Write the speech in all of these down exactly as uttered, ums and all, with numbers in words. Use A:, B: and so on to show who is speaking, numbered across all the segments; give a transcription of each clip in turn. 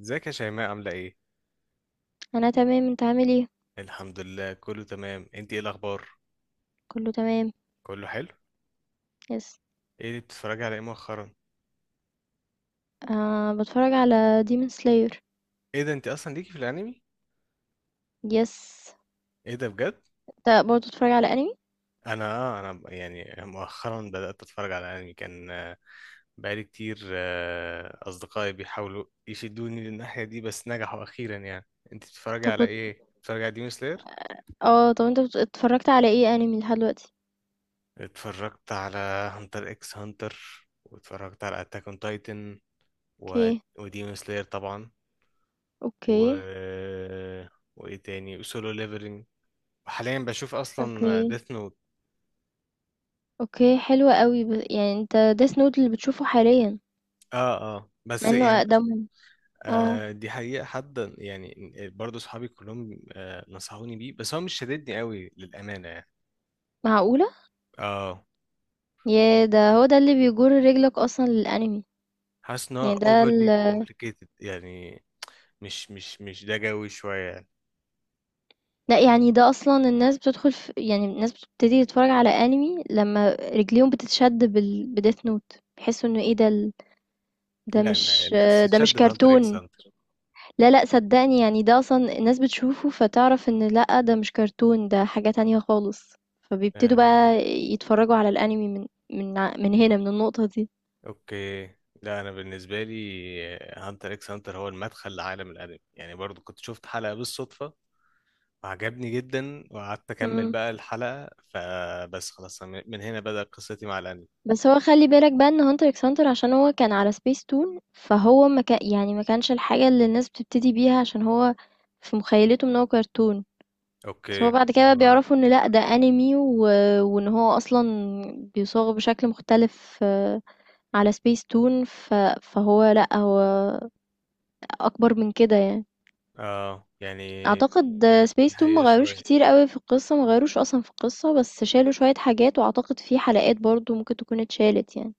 A: ازيك يا شيماء، عاملة ايه؟
B: انا تمام انت عامل ايه.
A: الحمد لله، كله تمام. انت ايه الأخبار؟
B: كله تمام.
A: كله حلو؟
B: يس.
A: ايه اللي بتتفرجي على ايه مؤخرا؟
B: آه، بتفرج على ديمون سلاير.
A: ايه ده؟ انت أصلا ليكي في الأنمي؟
B: يس.
A: ايه ده بجد؟
B: انت برضه بتتفرج على انمي؟
A: أنا، آه، أنا يعني مؤخرا بدأت أتفرج على أنمي. كان آه، بقالي كتير، آه، أصدقائي بيحاولوا يشدوني للناحية دي، بس نجحوا أخيرا يعني. انت بتتفرجي
B: طب
A: على
B: بت...
A: ايه؟ بتتفرجي على ديمون سلاير؟
B: اه، طب انت بت- اتفرجت على ايه انمي لحد دلوقتي؟
A: اتفرجت على هانتر اكس هانتر، واتفرجت على أتاك اون تايتن و...
B: اوكي.
A: وديمون سلاير طبعا،
B: اوكي.
A: و وايه تاني، وسولو ليفلنج. حاليا بشوف
B: اوكي.
A: اصلا ديث نوت.
B: اوكي، حلو قوي. ب... يعني انت ديس نوت اللي بتشوفه حاليا،
A: اه، اه،
B: مع
A: بس
B: انه
A: يعني،
B: اقدمهم. اه،
A: آه دي حقيقة، حد يعني برضه، صحابي كلهم آه نصحوني بيه، بس هو مش شددني قوي للأمانة يعني.
B: معقولة؟
A: اه،
B: يا ده، هو ده اللي بيجر رجلك اصلا للانمي.
A: حاسس ان هو
B: يعني ده
A: overly complicated يعني، مش مش مش ده جوي شوية يعني.
B: لأ، يعني ده أصلًا الناس بتدخل ف يعني الناس بتبتدي تتفرج على أنمي لمّا رجليهم بتتشد بال بdeath note، بيحسوا إنه إيه ده ال ده
A: لا، أنا-
B: مش
A: الناس
B: ده مش
A: تشد في هانتر اكس
B: كرتون.
A: هانتر.
B: لا، لأ، صدّقني، يعني ده أصلًا الناس بتشوفه فتعرف إن لأ، ده مش كرتون، ده حاجة تانية خالص، فبيبتدوا
A: آه
B: بقى يتفرجوا على الأنمي من من ع من هنا، من النقطة دي.
A: اوكي. لا، انا بالنسبة لي هانتر اكس هانتر هو المدخل لعالم الانمي، يعني برضو كنت شفت حلقة بالصدفة، عجبني جدا، وقعدت اكمل
B: إمم.
A: بقى الحلقة، فبس خلاص أنا من هنا بدأت قصتي مع الانمي.
B: بس هو خلّي بالك بقى إن hunter x hunter عشان هو كان على سبيس تون، فهو ما كا يعني ما كانش الحاجة اللي الناس بتبتدي بيها، عشان هو في مُخيّلتهم إن هو كرتون، بس
A: اوكي،
B: هو بعد كده
A: اللي
B: بقى
A: هو-
B: بيعرفوا إن لأ، ده anime، و وإن هو أصلًا بيصاغ بشكل مختلف، آه، على سبيس تون، ف فهو لأ، هو أكبر من كده يعني.
A: اه يعني
B: أعتقد
A: دي
B: سبيس تون ما
A: حقيقة
B: غيّروش
A: شوية.
B: كتير أوي في القصة، ما غيّروش أصلًا في القصة، بس شالوا شوية حاجات، وأعتقد في حلقات برضه ممكن تكون اتشالت يعني،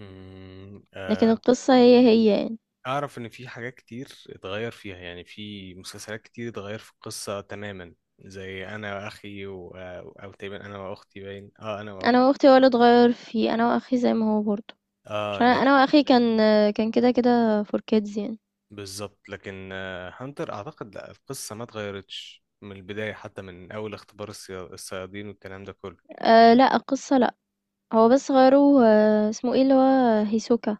A: أمم،
B: لكن
A: آه،
B: القصة هي، هي يعني.
A: اعرف ان في حاجات كتير اتغير فيها، يعني في مسلسلات كتير اتغير في القصة تماما، زي انا واخي و... آه، او تقريبا انا واختي، باين، اه انا واختي.
B: انا واختي هو اللي اتغير فيه، انا واخي زي ما هو برضه،
A: اه
B: عشان انا
A: لك.
B: أنا واخي كان كان كده كده فور كيدز يعني.
A: بالظبط، لكن آه، هانتر اعتقد لا، القصة ما اتغيرتش من البداية، حتى من اول اختبار الصيا- الصيادين والكلام ده كله.
B: أه لا، القصة لا، هو بس غيروا، آه، اسمه ايه اللي هو هيسوكا.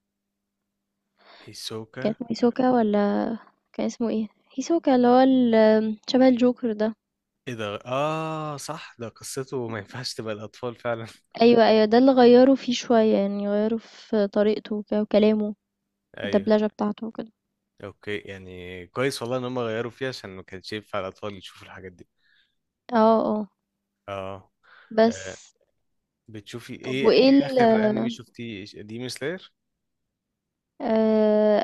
B: كان
A: هيسوكا.
B: اسمه هيسوكا ولا كان اسمه ايه؟ هيسوكا اللي هو ال- شبه الجوكر ده.
A: ايه ده؟ اه، صح، ده قصته ما ينفعش تبقى الاطفال فعلا.
B: ايوه، ايوه، ده اللي غيروا فيه شوية، يعني غيروا في طريقته وك- وكلامه،
A: ايوه.
B: الدبلجة بتاعته وكده.
A: اوكي يعني، كويس والله ان هم غيروا فيها، عشان ما كانش ينفع الاطفال يشوفوا الحاجات دي.
B: اه، اه.
A: اه.
B: بس
A: آه، بتشوفي
B: طب
A: ايه؟
B: وايه
A: ايه
B: ال
A: اخر انمي شفتيه؟ ديمون سلاير؟
B: آه.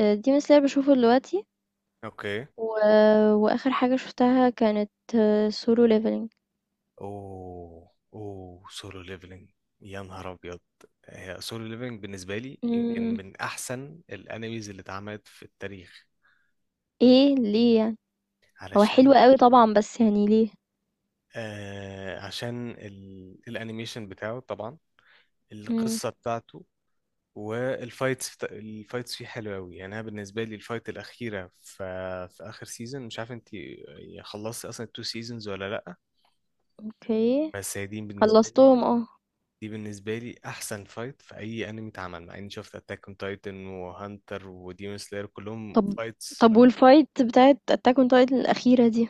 B: آه، ديمون سلاير بشوفه دلوقتي
A: اوكي.
B: و... واخر حاجة شفتها كانت سولو ليفلينج.
A: اوه، اوه، سولو ليفلنج. يا نهار ابيض، هي سولو ليفلنج بالنسبه لي يمكن
B: امم،
A: من احسن الانميز اللي اتعملت في التاريخ.
B: ايه، ليه يعني؟ هو حلو
A: علشان
B: قوي طبعا، بس يعني ليه؟
A: آه عشان ال- الانيميشن بتاعه طبعا،
B: امم.
A: القصة بتاعته، والفايتس بتا- الفايتس فيه حلوة أوي. يعني أنا بالنسبة لي الفايت الأخيرة في, في آخر سيزون، مش عارف أنت خلصتي أصلا التو سيزونز ولا لأ،
B: اوكي،
A: بس هي دي بالنسبة لي
B: خلصتهم اه.
A: دي بالنسبة لي أحسن فايت في أي أنمي اتعمل، مع إني شفت أتاك أون تايتن وهانتر وديمون سلاير كلهم
B: طب
A: فايتس.
B: طب والفايت بتاعت اتاك اون تايتن الاخيرة دي،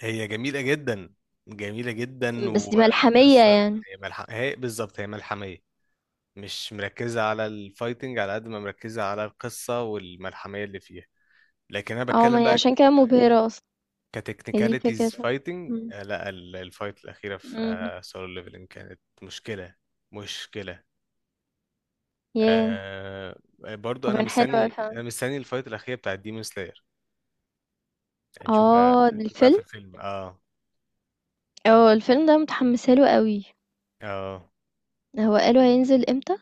A: هي جميلة جدا، جميلة جدا،
B: بس دي ملحمية
A: وقصة.
B: يعني.
A: هي ملح... هي بالظبط هي ملحمية، مش مركزة على الفايتنج على قد ما مركزة على القصة والملحمية اللي فيها. لكن انا
B: اه، ما
A: بتكلم
B: هي
A: بقى
B: عشان كده مبهرة اصلا. هي دي
A: كتكنيكاليتيز
B: فكرتها.
A: فايتنج،
B: مم.
A: لا، ال- الفايت الاخيره
B: مم.
A: في سولو ليفلنج كانت مشكله، مشكله.
B: ياه.
A: آه، برضو انا
B: وكان حلو اوي
A: مستني
B: فعلا.
A: انا مستني الفايت الاخيره بتاعت ديمون سلاير. هنشوف بقى
B: اه، ده
A: هنشوف بقى في
B: الفيلم.
A: الفيلم، اه.
B: اه، الفيلم ده متحمسة له قوي.
A: اه،
B: هو قالوا هينزل امتى؟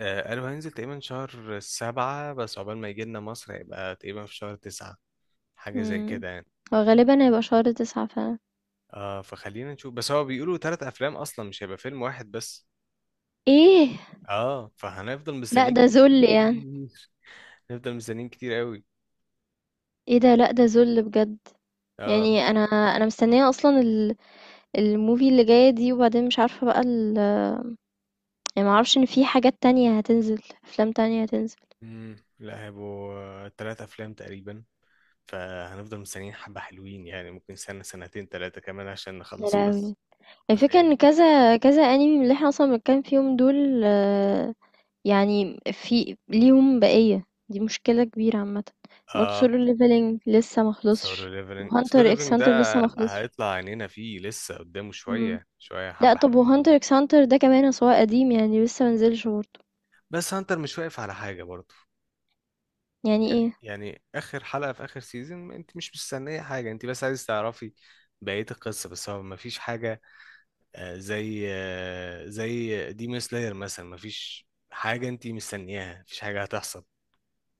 A: آه، قالوا هينزل تقريبا شهر سبعة، بس عقبال ما يجي لنا مصر هيبقى تقريبا في شهر تسعة، حاجة زي
B: مم.
A: كده يعني.
B: هو غالبا هيبقى شهر تسعة فعلا.
A: اه، فخلينا نشوف، بس هو بيقولوا تلات أفلام أصلا، مش هيبقى فيلم واحد بس.
B: إيه!
A: اه، فهنفضل
B: لأ،
A: مستنيين
B: ده
A: كتير،
B: ذل يعني.
A: هنفضل مستنيين كتير قوي.
B: إيه ده! لأ، ده ذل بجد.
A: اه.
B: يعني أنا، أنا مستنية أصلًا ال الmovie اللي جاية دي، وبعدين مش عارفة بقى ال يعني ما أعرفش إن في حاجات تانية هتنزل، أفلام تانية هتنزل.
A: امم لا، هيبقوا آه، تلات افلام تقريبا، فهنفضل مستنيين حبة حلوين يعني، ممكن سنة سنتين تلاتة كمان عشان
B: يا
A: نخلص القصة.
B: لهوي! الفكرة
A: تخيل.
B: إن كذا كذا anime من اللي إحنا أصلًا بنتكلم فيهم دول، آه، يعني في ليهم بقية، دي مشكلة كبيرة عامةً. برضه
A: اه،
B: Solo Leveling لسه ما
A: سولو
B: خلصش،
A: ليفلنج، سولو
B: وHunter x
A: ليفلنج
B: Hunter
A: ده
B: لسه ما خلصش.
A: هيطلع عينينا فيه، لسه قدامه
B: إمم.
A: شوية شوية،
B: لأ،
A: حبة
B: طب
A: حلوين
B: وHunter
A: يعني.
B: x Hunter ده كمان أصل هو قديم، يعني لسه ما نزلش برضه.
A: بس هانتر مش واقف على حاجة برضه.
B: يعني
A: يعني
B: إيه؟
A: يعني آخر حلقة في آخر سيزون، انت مش مستنية حاجة، انت بس عايز تعرفي بقية القصة، بس هو مفيش حاجة. آه، زي آه، زي ديمون سلاير مثلا، مفيش حاجة انت مستنياها، مفيش حاجة هتحصل،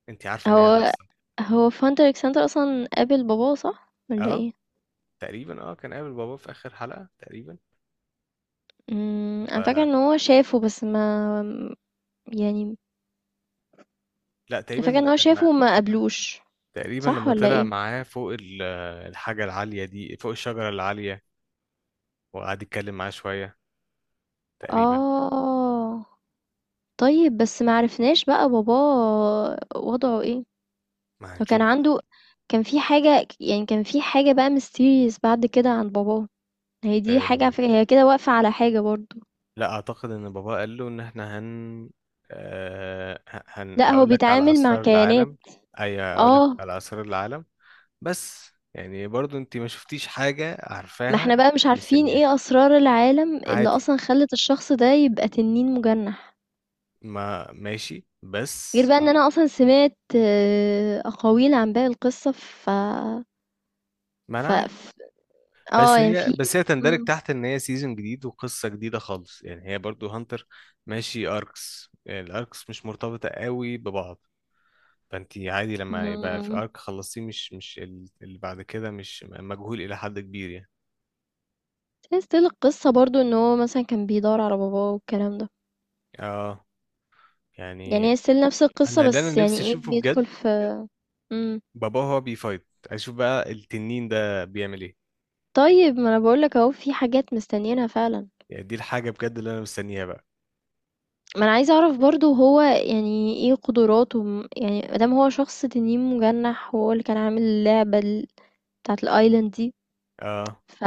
A: انت عارفة ان هي
B: هو
A: هتحصل.
B: هو فانت ألكسندر أصلًا قابل باباه صح والّا
A: اه،
B: إيه؟
A: تقريبا، اه كان قابل باباه في اخر حلقة تقريبا.
B: إمم، أنا فاكرة
A: و...
B: إن هو شافه بس ما يعني،
A: لا
B: أنا
A: تقريبا
B: فاكرة إن هو شافه
A: لما
B: وما قابلوش،
A: تقريبا
B: صح
A: لما
B: والّا
A: طلع
B: إيه؟
A: معاه فوق ال- آه، الحاجة العالية دي، فوق الشجرة العالية، وقعد يتكلم معاه شوية، تقريبا.
B: آه. طيب، بس ما عرفناش بقى باباه وضعه إيه؟
A: ما
B: هو
A: هنشوف
B: كان
A: بقى.
B: عنده كان في حاجة ك يعني كان في حاجة بقى mysterious بعد كده عن باباه، هي دي حاجة على
A: آه،
B: فكرة، هي كده واقفة على حاجة برضه.
A: لا، اعتقد ان باباه قال له ان احنا هن آه، ه- هن
B: لأ، هو
A: هقول لك على
B: بيتعامل مع
A: اسرار
B: كيانات.
A: العالم. ايوه، هقول لك
B: آه.
A: على اسرار العالم. بس يعني برضو انت ما شفتيش حاجة
B: ما
A: عارفاها.
B: احنا بقى مش
A: أنا
B: عارفين
A: مستنياها.
B: ايه اسرار العالم اللي
A: عادي.
B: اصلا خلت الشخص ده يبقى تنين مجنح،
A: ما ماشي
B: غير
A: بس.
B: بقى ان انا اصلا سمعت، آه، اقاويل عن باقي القصة، ف
A: ما انا
B: ف
A: عارف.
B: ف- اه،
A: بس
B: يعني
A: هي
B: في.
A: بس هي تندرج تحت ان هي سيزون جديد وقصة جديدة خالص، يعني هي برضو هانتر ماشي اركس، يعني الاركس مش مرتبطة قوي ببعض، فانت عادي لما يبقى في
B: امم.
A: ارك خلصتيه، مش مش ال- اللي بعد كده مش مجهول الى حد كبير يعني.
B: ستيل القصة برضو ان هو مثلا كان بيدور على باباه والكلام ده،
A: اه.
B: يعني
A: يعني
B: هي ستيل نفس القصة،
A: انا اللي انا
B: بس يعني
A: نفسي
B: ايه
A: اشوفه بجد،
B: بيدخل في. مم.
A: بابا هو بيفايت، اشوف بقى التنين ده بيعمل ايه.
B: طيب ما انا بقولك اهو في حاجات مستنيينها فعلا.
A: يعني دي الحاجة بجد اللي أنا مستنيها بقى.
B: ما انا عايزه اعرف برضو هو يعني ايه قدراته، م- يعني مادام هو شخص تنين مجنح وهو اللي كان عامل اللعبه ال- بتاعه الايلاند دي،
A: اه،
B: ف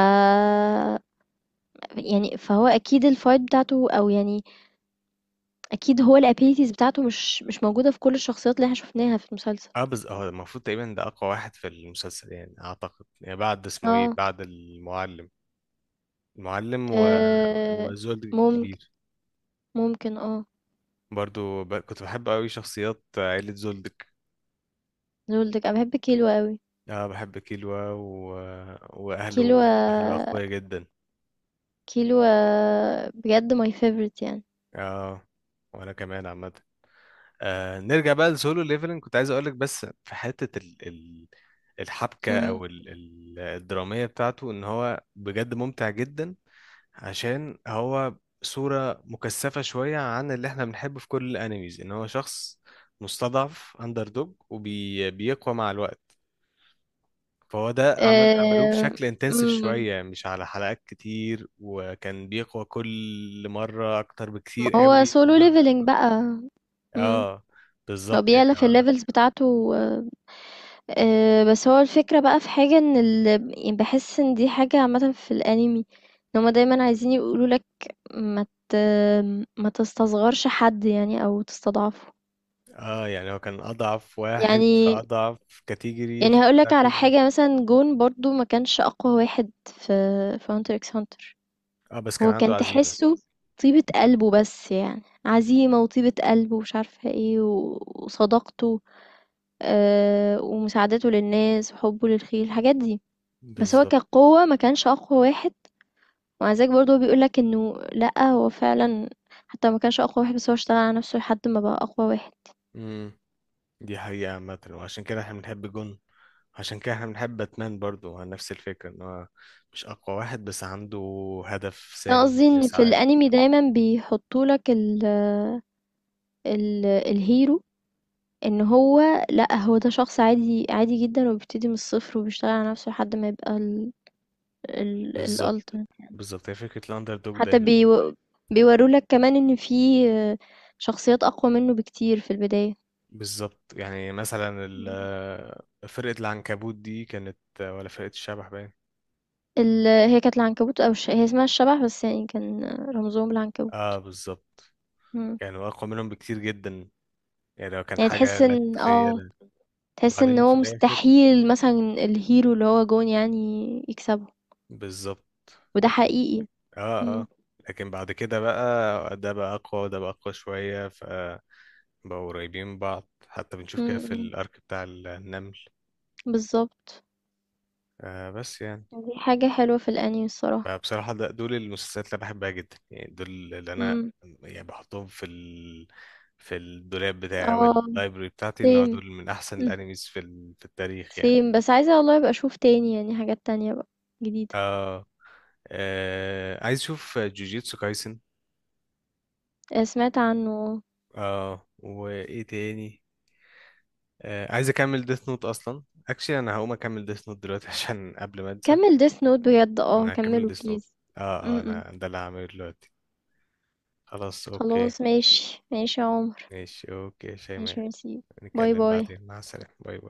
B: يعني فهو اكيد الفايت بتاعته او يعني اكيد هو الابيليتيز بتاعته مش مش موجوده في كل الشخصيات اللي احنا شفناها في المسلسل.
A: اه، بس اه المفروض تقريبا ده أقوى واحد في المسلسل يعني، أعتقد يعني بعد اسمه إيه،
B: اه.
A: بعد المعلم، المعلم و...
B: آه.
A: وزولدك
B: ممكن،
A: الكبير.
B: ممكن اه.
A: برضو ب... كنت بحب أوي شخصيات عيلة زولدك.
B: زولدك، انا بحب كيلو قوي.
A: اه، بحب كيلوا و...
B: كيلو.
A: وأهله، أهله أقوياء جدا.
B: كيلو بجد ماي فيفورت يعني.
A: اه، وأنا كمان عامة. آه نرجع بقى لسولو ليفلنج، كنت عايز أقولك بس في حتة ال... ال... الحبكة أو ال... ال- الدرامية بتاعته، إن هو بجد ممتع جدا. عشان هو صورة مكثفة شوية عن اللي احنا بنحبه في كل الانميز، ان هو شخص مستضعف، اندر دوج، وبيقوى مع الوقت. فهو ده عمل عملوه بشكل انتنسيف
B: امم.
A: شوية، يعني مش على حلقات كتير، وكان بيقوى كل مرة اكتر
B: ما
A: بكتير
B: هو
A: قوي من
B: solo
A: المرة اللي
B: leveling
A: قبل-
B: بقى. امم.
A: اه،
B: هو
A: بالظبط، يعني
B: بيعلى في
A: هو-
B: الليفلز بتاعته، آه. آه، بس هو الفكرة بقى، في حاجة ان ال... يعني بحس ان دي حاجة عامة في الانمي، ان هما دايما عايزين يقولوا لك ما ت... ما تستصغرش حد يعني، او تستضعفه.
A: اه يعني هو كان اضعف واحد في
B: يعني
A: اضعف كاتيجوري في
B: يعني هقول
A: البتاع
B: لك على
A: كله.
B: حاجة، مثلا جون برضو ما كانش اقوى واحد في في هانتر اكس هانتر.
A: اه، بس كان
B: هو
A: عنده
B: كان
A: عزيمة.
B: تحسه طيبة قلبه، بس يعني عزيمة وطيبة قلبه، ومش عارفة ايه، و... وصداقته، آه، ومساعدته للناس وحبه للخير، الحاجات دي. بس هو
A: بالظبط.
B: كقوة ما كانش أقوى واحد، ومع ذلك برضه هو بيقولك إنه لأ، هو فعلا حتى ما كانش أقوى واحد، بس هو اشتغل على نفسه لحد ما بقى أقوى واحد.
A: مم. دي حقيقة عامة، وعشان كده احنا بنحب جون، عشان كده احنا بنحب باتمان برضو على نفس الفكرة، ان هو مش اقوى واحد بس عنده هدف
B: فأنا
A: سامي
B: قصدي إن في
A: بيسعى له.
B: الأنمي دايما بيحطولك ال ال الهيرو، إن هو لأ، هو ده شخص عادي، عادي جدا، وبيبتدي من الصفر، وبيشتغل على نفسه لحد ما يبقى ال ال
A: بالظبط،
B: الألتيميت
A: بالظبط، هي فكرة الاندر دوج
B: حتى
A: دايما.
B: بيو بيورولك كمان إن في، آه، شخصيات أقوى منه بكتير في البداية.
A: بالظبط، يعني مثلا ال-
B: إمم.
A: آه، فرقة العنكبوت دي، كانت ولا فرقة الشبح، باين.
B: ال هي كانت العنكبوت أو الش هي اسمها الشبح، بس يعني كان رمزهم العنكبوت.
A: اه، بالظبط،
B: إمم.
A: كانوا اقوى منهم بكتير جدا، يعني لو كان
B: يعني
A: حاجة
B: تحس
A: لا
B: إن، آه،
A: تتخيلها.
B: تحس إن
A: وبعدين في
B: هو
A: الاخر،
B: مستحيل مثلًا الhero اللي هو جون يعني يكسبه،
A: بالظبط.
B: وده حقيقي.
A: اه،
B: إمم.
A: اه. لكن بعد كده بقى، ده بقى اقوى وده بقى اقوى شوية، فبقوا قريبين من بعض، حتى بنشوف كده
B: إمم،
A: في
B: إمم.
A: الارك بتاع النمل.
B: بالضبط.
A: آه بس يعني،
B: دي حاجة حلوة في الأنمي الصراحة.
A: فبصراحة ده دول المسلسلات اللي أنا بحبها جدا، يعني دول اللي انا
B: إمم.
A: يعني بحطهم في ال... في الدولاب بتاعي او
B: آه.
A: اللايبرري بتاعتي، ان هو
B: same.
A: دول من احسن
B: إمم.
A: الانميز في ال... في التاريخ يعني.
B: same، بس عايزة والله أبقى أشوف تاني يعني، حاجات تانية بقى جديدة.
A: آه, آه عايز اشوف جوجيتسو كايسن.
B: آآ سمعت عنه آه.
A: اه، وايه تاني، آه، عايز اكمل ديث نوت اصلا. اكشلي انا هقوم اكمل ديث نوت دلوقتي عشان قبل ما انسى.
B: كمّل death note بجد، آه،
A: انا هكمل
B: كمّله
A: ديث نوت.
B: please.
A: اه.
B: إمم،
A: اه،
B: إمم.
A: انا ده اللي هعمله دلوقتي. خلاص، اوكي.
B: خلاص ماشي، ماشي يا عمر.
A: ماشي، اوكي يا
B: ماشي،
A: شيماء.
B: ميرسي. باي
A: نتكلم
B: باي.
A: بعدين، مع السلامة، باي باي.